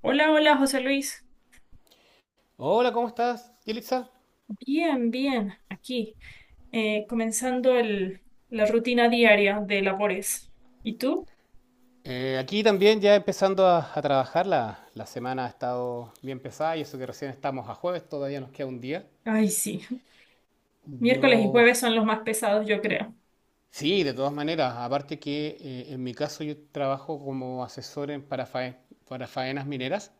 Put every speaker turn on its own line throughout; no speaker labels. Hola, hola, José Luis.
Hola, ¿cómo estás, Yelitza?
Bien, bien, aquí, comenzando la rutina diaria de labores. ¿Y tú?
Aquí también ya empezando a trabajar, la semana ha estado bien pesada y eso que recién estamos a jueves, todavía nos queda un día.
Ay, sí. Miércoles y
Yo,
jueves son los más pesados, yo creo.
sí, de todas maneras, aparte que en mi caso yo trabajo como asesor para faenas mineras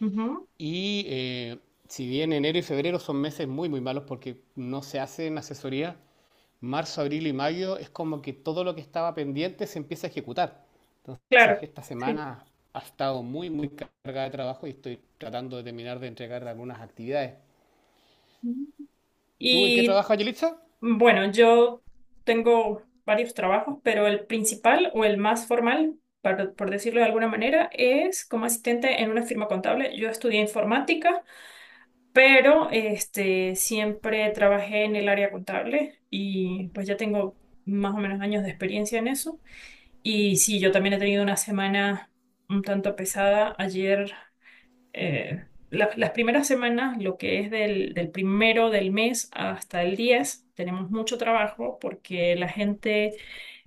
Ujú.
y si bien enero y febrero son meses muy, muy malos porque no se hacen asesoría, marzo, abril y mayo es como que todo lo que estaba pendiente se empieza a ejecutar. Entonces,
Claro,
esta
sí.
semana ha estado muy, muy cargada de trabajo y estoy tratando de terminar de entregar algunas actividades. ¿Tú en qué
Y
trabajas, Yelitza?
bueno, yo tengo varios trabajos, pero el principal o el más formal, por decirlo de alguna manera, es como asistente en una firma contable. Yo estudié informática pero siempre trabajé en el área contable y pues ya tengo más o menos años de experiencia en eso. Y sí, yo también he tenido una semana un tanto pesada. Ayer, las primeras semanas, lo que es del primero del mes hasta el 10 tenemos mucho trabajo porque la gente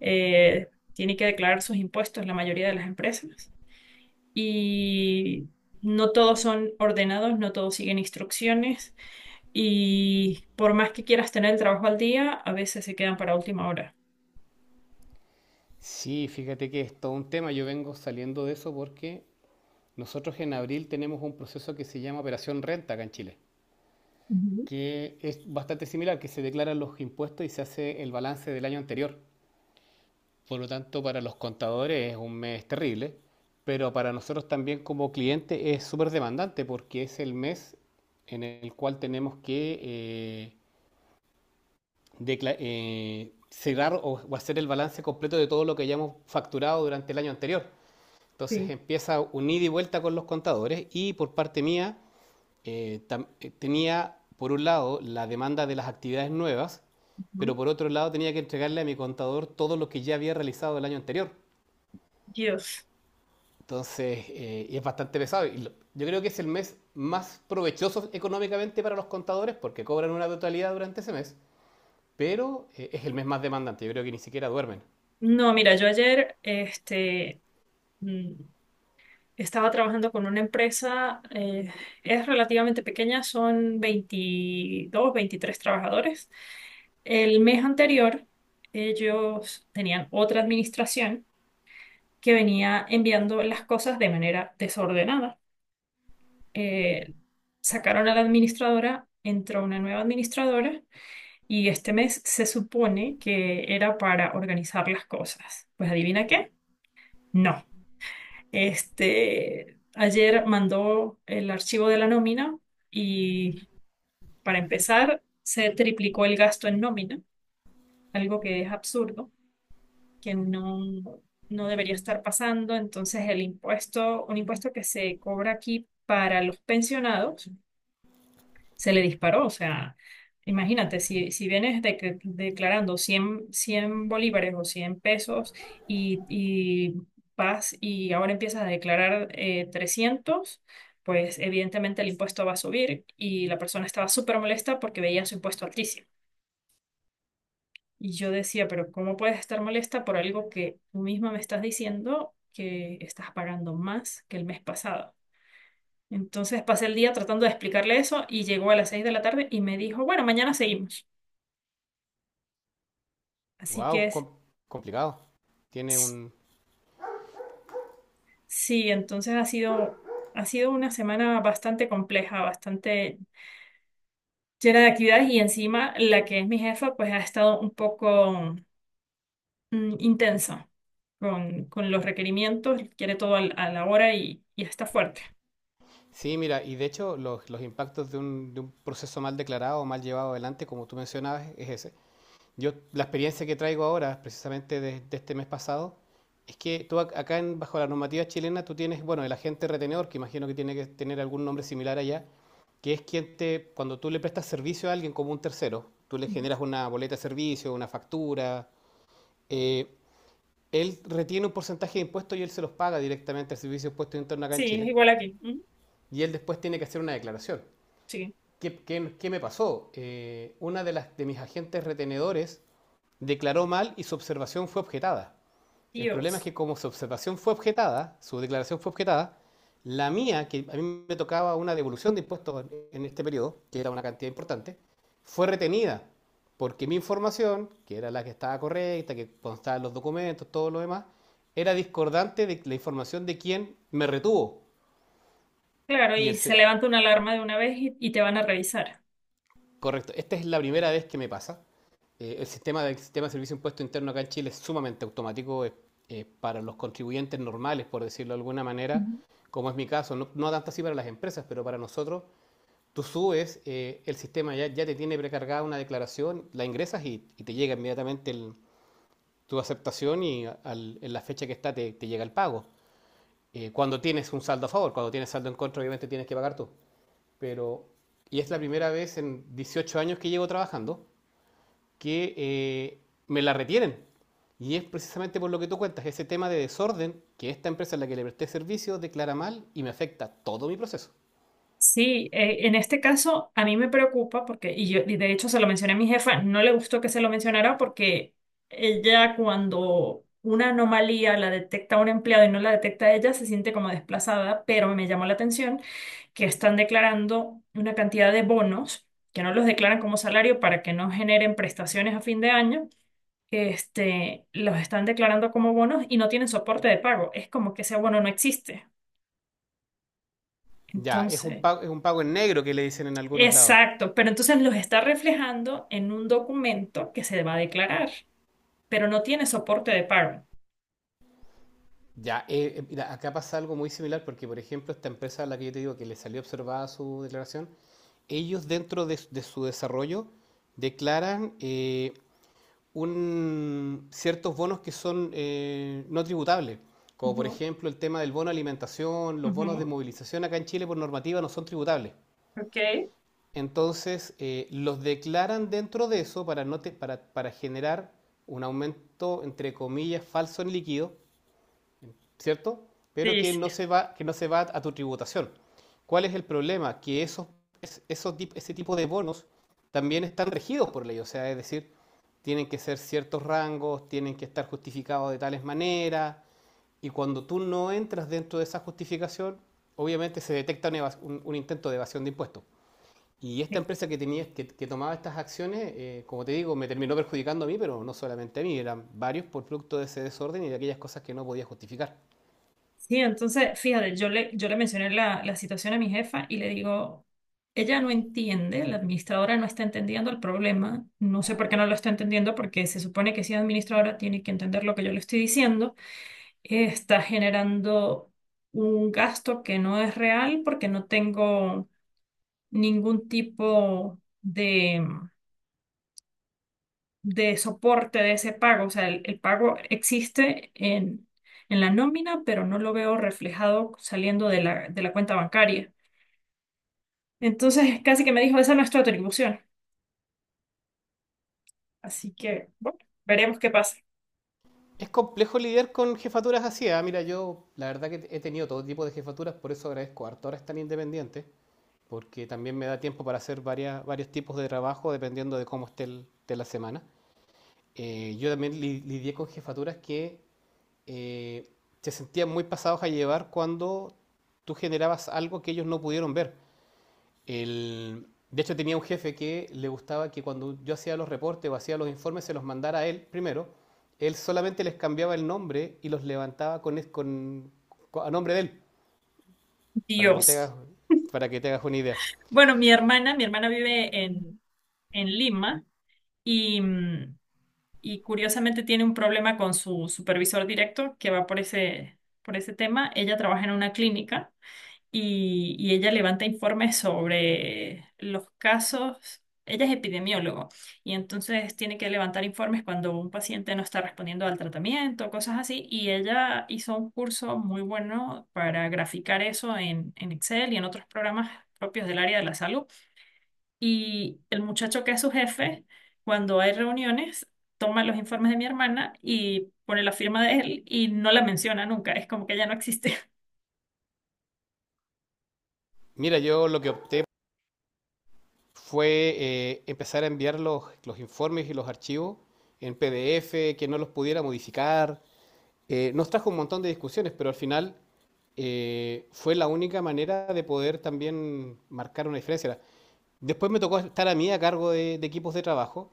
tiene que declarar sus impuestos, la mayoría de las empresas. Y no todos son ordenados, no todos siguen instrucciones. Y por más que quieras tener el trabajo al día, a veces se quedan para última hora.
Sí, fíjate que es todo un tema. Yo vengo saliendo de eso porque nosotros en abril tenemos un proceso que se llama Operación Renta acá en Chile,
Ujú.
que es bastante similar, que se declaran los impuestos y se hace el balance del año anterior. Por lo tanto, para los contadores es un mes terrible, pero para nosotros también como cliente es súper demandante porque es el mes en el cual tenemos que cerrar o hacer el balance completo de todo lo que hayamos facturado durante el año anterior. Entonces
Sí.
empieza un ida y vuelta con los contadores y por parte mía tenía por un lado la demanda de las actividades nuevas, pero
Ujú.
por otro lado tenía que entregarle a mi contador todo lo que ya había realizado el año anterior.
Dios.
Entonces, y es bastante pesado. Yo creo que es el mes más provechoso económicamente para los contadores porque cobran una totalidad durante ese mes, pero es el mes más demandante. Yo creo que ni siquiera duermen.
No, mira, yo ayer mm, estaba trabajando con una empresa, es relativamente pequeña, son 22, 23 trabajadores. El mes anterior, ellos tenían otra administración que venía enviando las cosas de manera desordenada. Eh, sacaron a la administradora, entró una nueva administradora y este mes se supone que era para organizar las cosas. Pues adivina qué, no. Ayer mandó el archivo de la nómina y para empezar se triplicó el gasto en nómina, algo que es absurdo, que no, no debería estar pasando. Entonces el impuesto, un impuesto que se cobra aquí para los pensionados se le disparó. O sea, imagínate, si vienes declarando 100 100 bolívares o 100 pesos y vas y ahora empiezas a declarar 300, pues evidentemente el impuesto va a subir y la persona estaba súper molesta porque veía su impuesto altísimo. Y yo decía, pero ¿cómo puedes estar molesta por algo que tú misma me estás diciendo que estás pagando más que el mes pasado? Entonces pasé el día tratando de explicarle eso y llegó a las 6 de la tarde y me dijo, bueno, mañana seguimos. Así que
Wow,
es-
complicado. Tiene
s-
un...
Sí, ha sido una semana bastante compleja, bastante llena de actividades y encima la que es mi jefa pues ha estado un poco intensa con los requerimientos, quiere todo a la hora y está fuerte.
Sí, mira, y de hecho los impactos de un proceso mal declarado o mal llevado adelante, como tú mencionabas, es ese. Yo, la experiencia que traigo ahora, precisamente de este mes pasado, es que tú acá, en- bajo la normativa chilena, tú tienes, bueno, el agente retenedor, que imagino que tiene que tener algún nombre similar allá, que es quien te, cuando tú le prestas servicio a alguien como un tercero, tú le generas una boleta de servicio, una factura, eh, él retiene un porcentaje de impuestos y él se los paga directamente al Servicio de Impuestos Internos acá
Sí,
en
es
Chile,
igual aquí. Ujú.
y él después tiene que hacer una declaración.
Sí.
Qué me pasó? Una de mis agentes retenedores declaró mal y su observación fue objetada. El problema es
Dios.
que como su observación fue objetada, su declaración fue objetada, la mía, que a mí me tocaba una devolución de impuestos en este periodo, que era una cantidad importante, fue retenida porque mi información, que era la que estaba correcta, que constaba en los documentos, todo lo demás, era discordante de la información de quien me retuvo.
Claro,
Y
y
el,
se levanta una alarma de una vez y te van a revisar.
Correcto, esta es la primera vez que me pasa. El sistema de servicio de impuesto interno acá en Chile es sumamente automático, para los contribuyentes normales, por decirlo de alguna manera, como es mi caso, no, no tanto así para las empresas, pero para nosotros, tú subes, el sistema ya te tiene precargada una declaración, la ingresas y te llega inmediatamente el- tu aceptación y al- en la fecha que está te, te llega el pago. Cuando tienes un saldo a favor, cuando tienes saldo en contra, obviamente tienes que pagar tú. Pero, y es la primera vez en 18 años que llevo trabajando que me la retienen. Y es precisamente por lo que tú cuentas, ese tema de desorden que esta empresa a la que le presté servicio declara mal y me afecta todo mi proceso.
Sí, en este caso a mí me preocupa porque, y de hecho se lo mencioné a mi jefa, no le gustó que se lo mencionara porque ella cuando una anomalía la detecta un empleado y no la detecta ella, se siente como desplazada, pero me llamó la atención que están declarando una cantidad de bonos que no los declaran como salario para que no generen prestaciones a fin de año. Los están declarando como bonos y no tienen soporte de pago. Es como que ese bono no existe.
Ya,
Entonces,
es un pago en negro que le dicen en algunos lados.
exacto, pero entonces los está reflejando en un documento que se va a declarar, pero no tiene soporte de pago.
Ya, mira, acá pasa algo muy similar porque, por ejemplo, esta empresa a la que yo te digo que le salió observada su declaración, ellos dentro de su desarrollo declaran ciertos bonos que son no tributables, como por
Ujú,
ejemplo el tema del bono de alimentación, los bonos de
ujú.
movilización acá en Chile por normativa no son tributables.
Ok.
Entonces los declaran dentro de eso para, no te- para generar un aumento, entre comillas, falso en líquido, ¿cierto? Pero
Sí, sí.
que no se va a tu tributación. ¿Cuál es el problema? Que ese tipo de bonos también están regidos por ley, o sea, es decir, tienen que ser ciertos rangos, tienen que estar justificados de tales maneras, y cuando tú no entras dentro de esa justificación, obviamente se detecta un intento de evasión de impuestos. Y esta
Sí,
empresa que tomaba estas acciones, como te digo, me terminó perjudicando a mí, pero no solamente a mí, eran varios por producto de ese desorden y de aquellas cosas que no podía justificar.
sí, entonces, fíjate, yo le mencioné la situación a mi jefa y le digo, ella no entiende, la administradora no está entendiendo el problema, no sé por qué no lo está entendiendo, porque se supone que si es administradora tiene que entender lo que yo le estoy diciendo, está generando un gasto que no es real porque no tengo ningún tipo de soporte de ese pago. O sea, el pago existe en la nómina, pero no lo veo reflejado saliendo de de la cuenta bancaria. Entonces, casi que me dijo, esa no es tu atribución. Así que, bueno, veremos qué pasa.
Es complejo lidiar con jefaturas así. Mira, yo la verdad que he tenido todo tipo de jefaturas, por eso agradezco harto ahora estar independiente, porque también me da tiempo para hacer varios tipos de trabajo dependiendo de cómo esté el- de la semana. Yo también lidié con jefaturas que eh, se sentían muy pasados a llevar cuando tú generabas algo que ellos no pudieron ver. El- de hecho, tenía un jefe que le gustaba que cuando yo hacía los reportes o hacía los informes se los mandara a él primero. Él solamente les cambiaba el nombre y los levantaba a nombre de él, para que te
Dios.
hagas, para que te hagas una idea.
Bueno, mi hermana vive en Lima y, y curiosamente tiene un problema con su supervisor directo que va por por ese tema. Ella trabaja en una clínica y ella levanta informes sobre los casos. Ella es epidemiólogo y entonces tiene que levantar informes cuando un paciente no está respondiendo al tratamiento, cosas así. Y ella hizo un curso muy bueno para graficar eso en Excel y en otros programas propios del área de la salud. Y el muchacho que es su jefe, cuando hay reuniones, toma los informes de mi hermana y pone la firma de él y no la menciona nunca. Es como que ella no existe.
Mira, yo lo que opté fue empezar a enviar los informes y los archivos en PDF, que no los pudiera modificar, nos trajo un montón de discusiones, pero al final fue la única manera de poder también marcar una diferencia. Después me tocó estar a mí a cargo de equipos de trabajo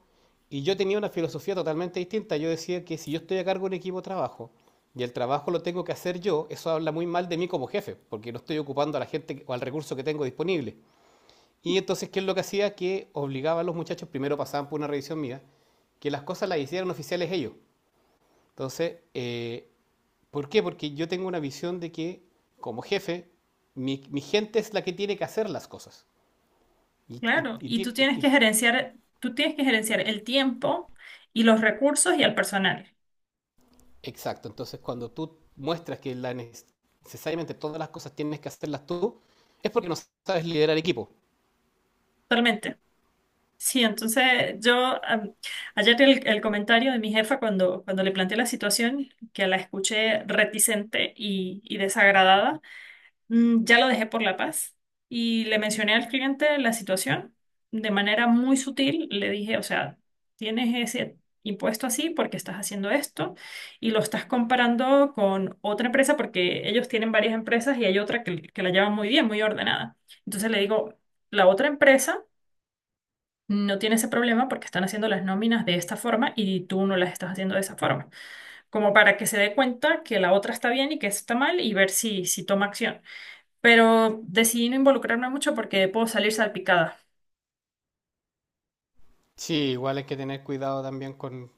y yo tenía una filosofía totalmente distinta. Yo decía que si yo estoy a cargo de un equipo de trabajo y el trabajo lo tengo que hacer yo, eso habla muy mal de mí como jefe, porque no estoy ocupando a la gente o al recurso que tengo disponible. Y entonces, ¿qué es lo que hacía? Que obligaba a los muchachos, primero pasaban por una revisión mía, que las cosas las hicieran oficiales ellos. Entonces, ¿por qué? Porque yo tengo una visión de que como jefe, mi gente es la que tiene que hacer las cosas. Y- y-
Claro,
y
y tú
y-
tienes
y-
que gerenciar, tú tienes que gerenciar el tiempo y los recursos y al personal.
exacto, entonces cuando tú muestras que la necesariamente todas las cosas tienes que hacerlas tú, es porque no sabes liderar equipo.
Totalmente. Sí, entonces yo am, ayer el comentario de mi jefa cuando le planteé la situación, que la escuché reticente y desagradada, ya lo dejé por la paz y le mencioné al cliente la situación de manera muy sutil. Le dije, o sea, tienes ese impuesto así porque estás haciendo esto y lo estás comparando con otra empresa porque ellos tienen varias empresas y hay otra que la llevan muy bien, muy ordenada. Entonces le digo, la otra empresa no tiene ese problema porque están haciendo las nóminas de esta forma y tú no las estás haciendo de esa forma, como para que se dé cuenta que la otra está bien y que esta está mal y ver si, si toma acción pero decidí no involucrarme mucho porque puedo salir salpicada.
Sí, igual hay que tener cuidado también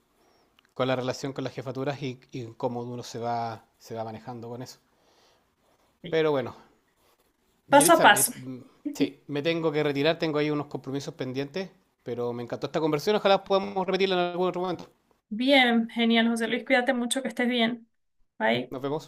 con la relación con las jefaturas y cómo uno se va manejando con eso.
Sí.
Pero bueno,
Paso a
Yelitza,
paso.
sí, me tengo que retirar, tengo ahí unos compromisos pendientes, pero me encantó esta conversión, ojalá podamos repetirla en algún otro momento.
Bien, genial, José Luis, cuídate mucho, que estés bien. Bye.
Nos vemos.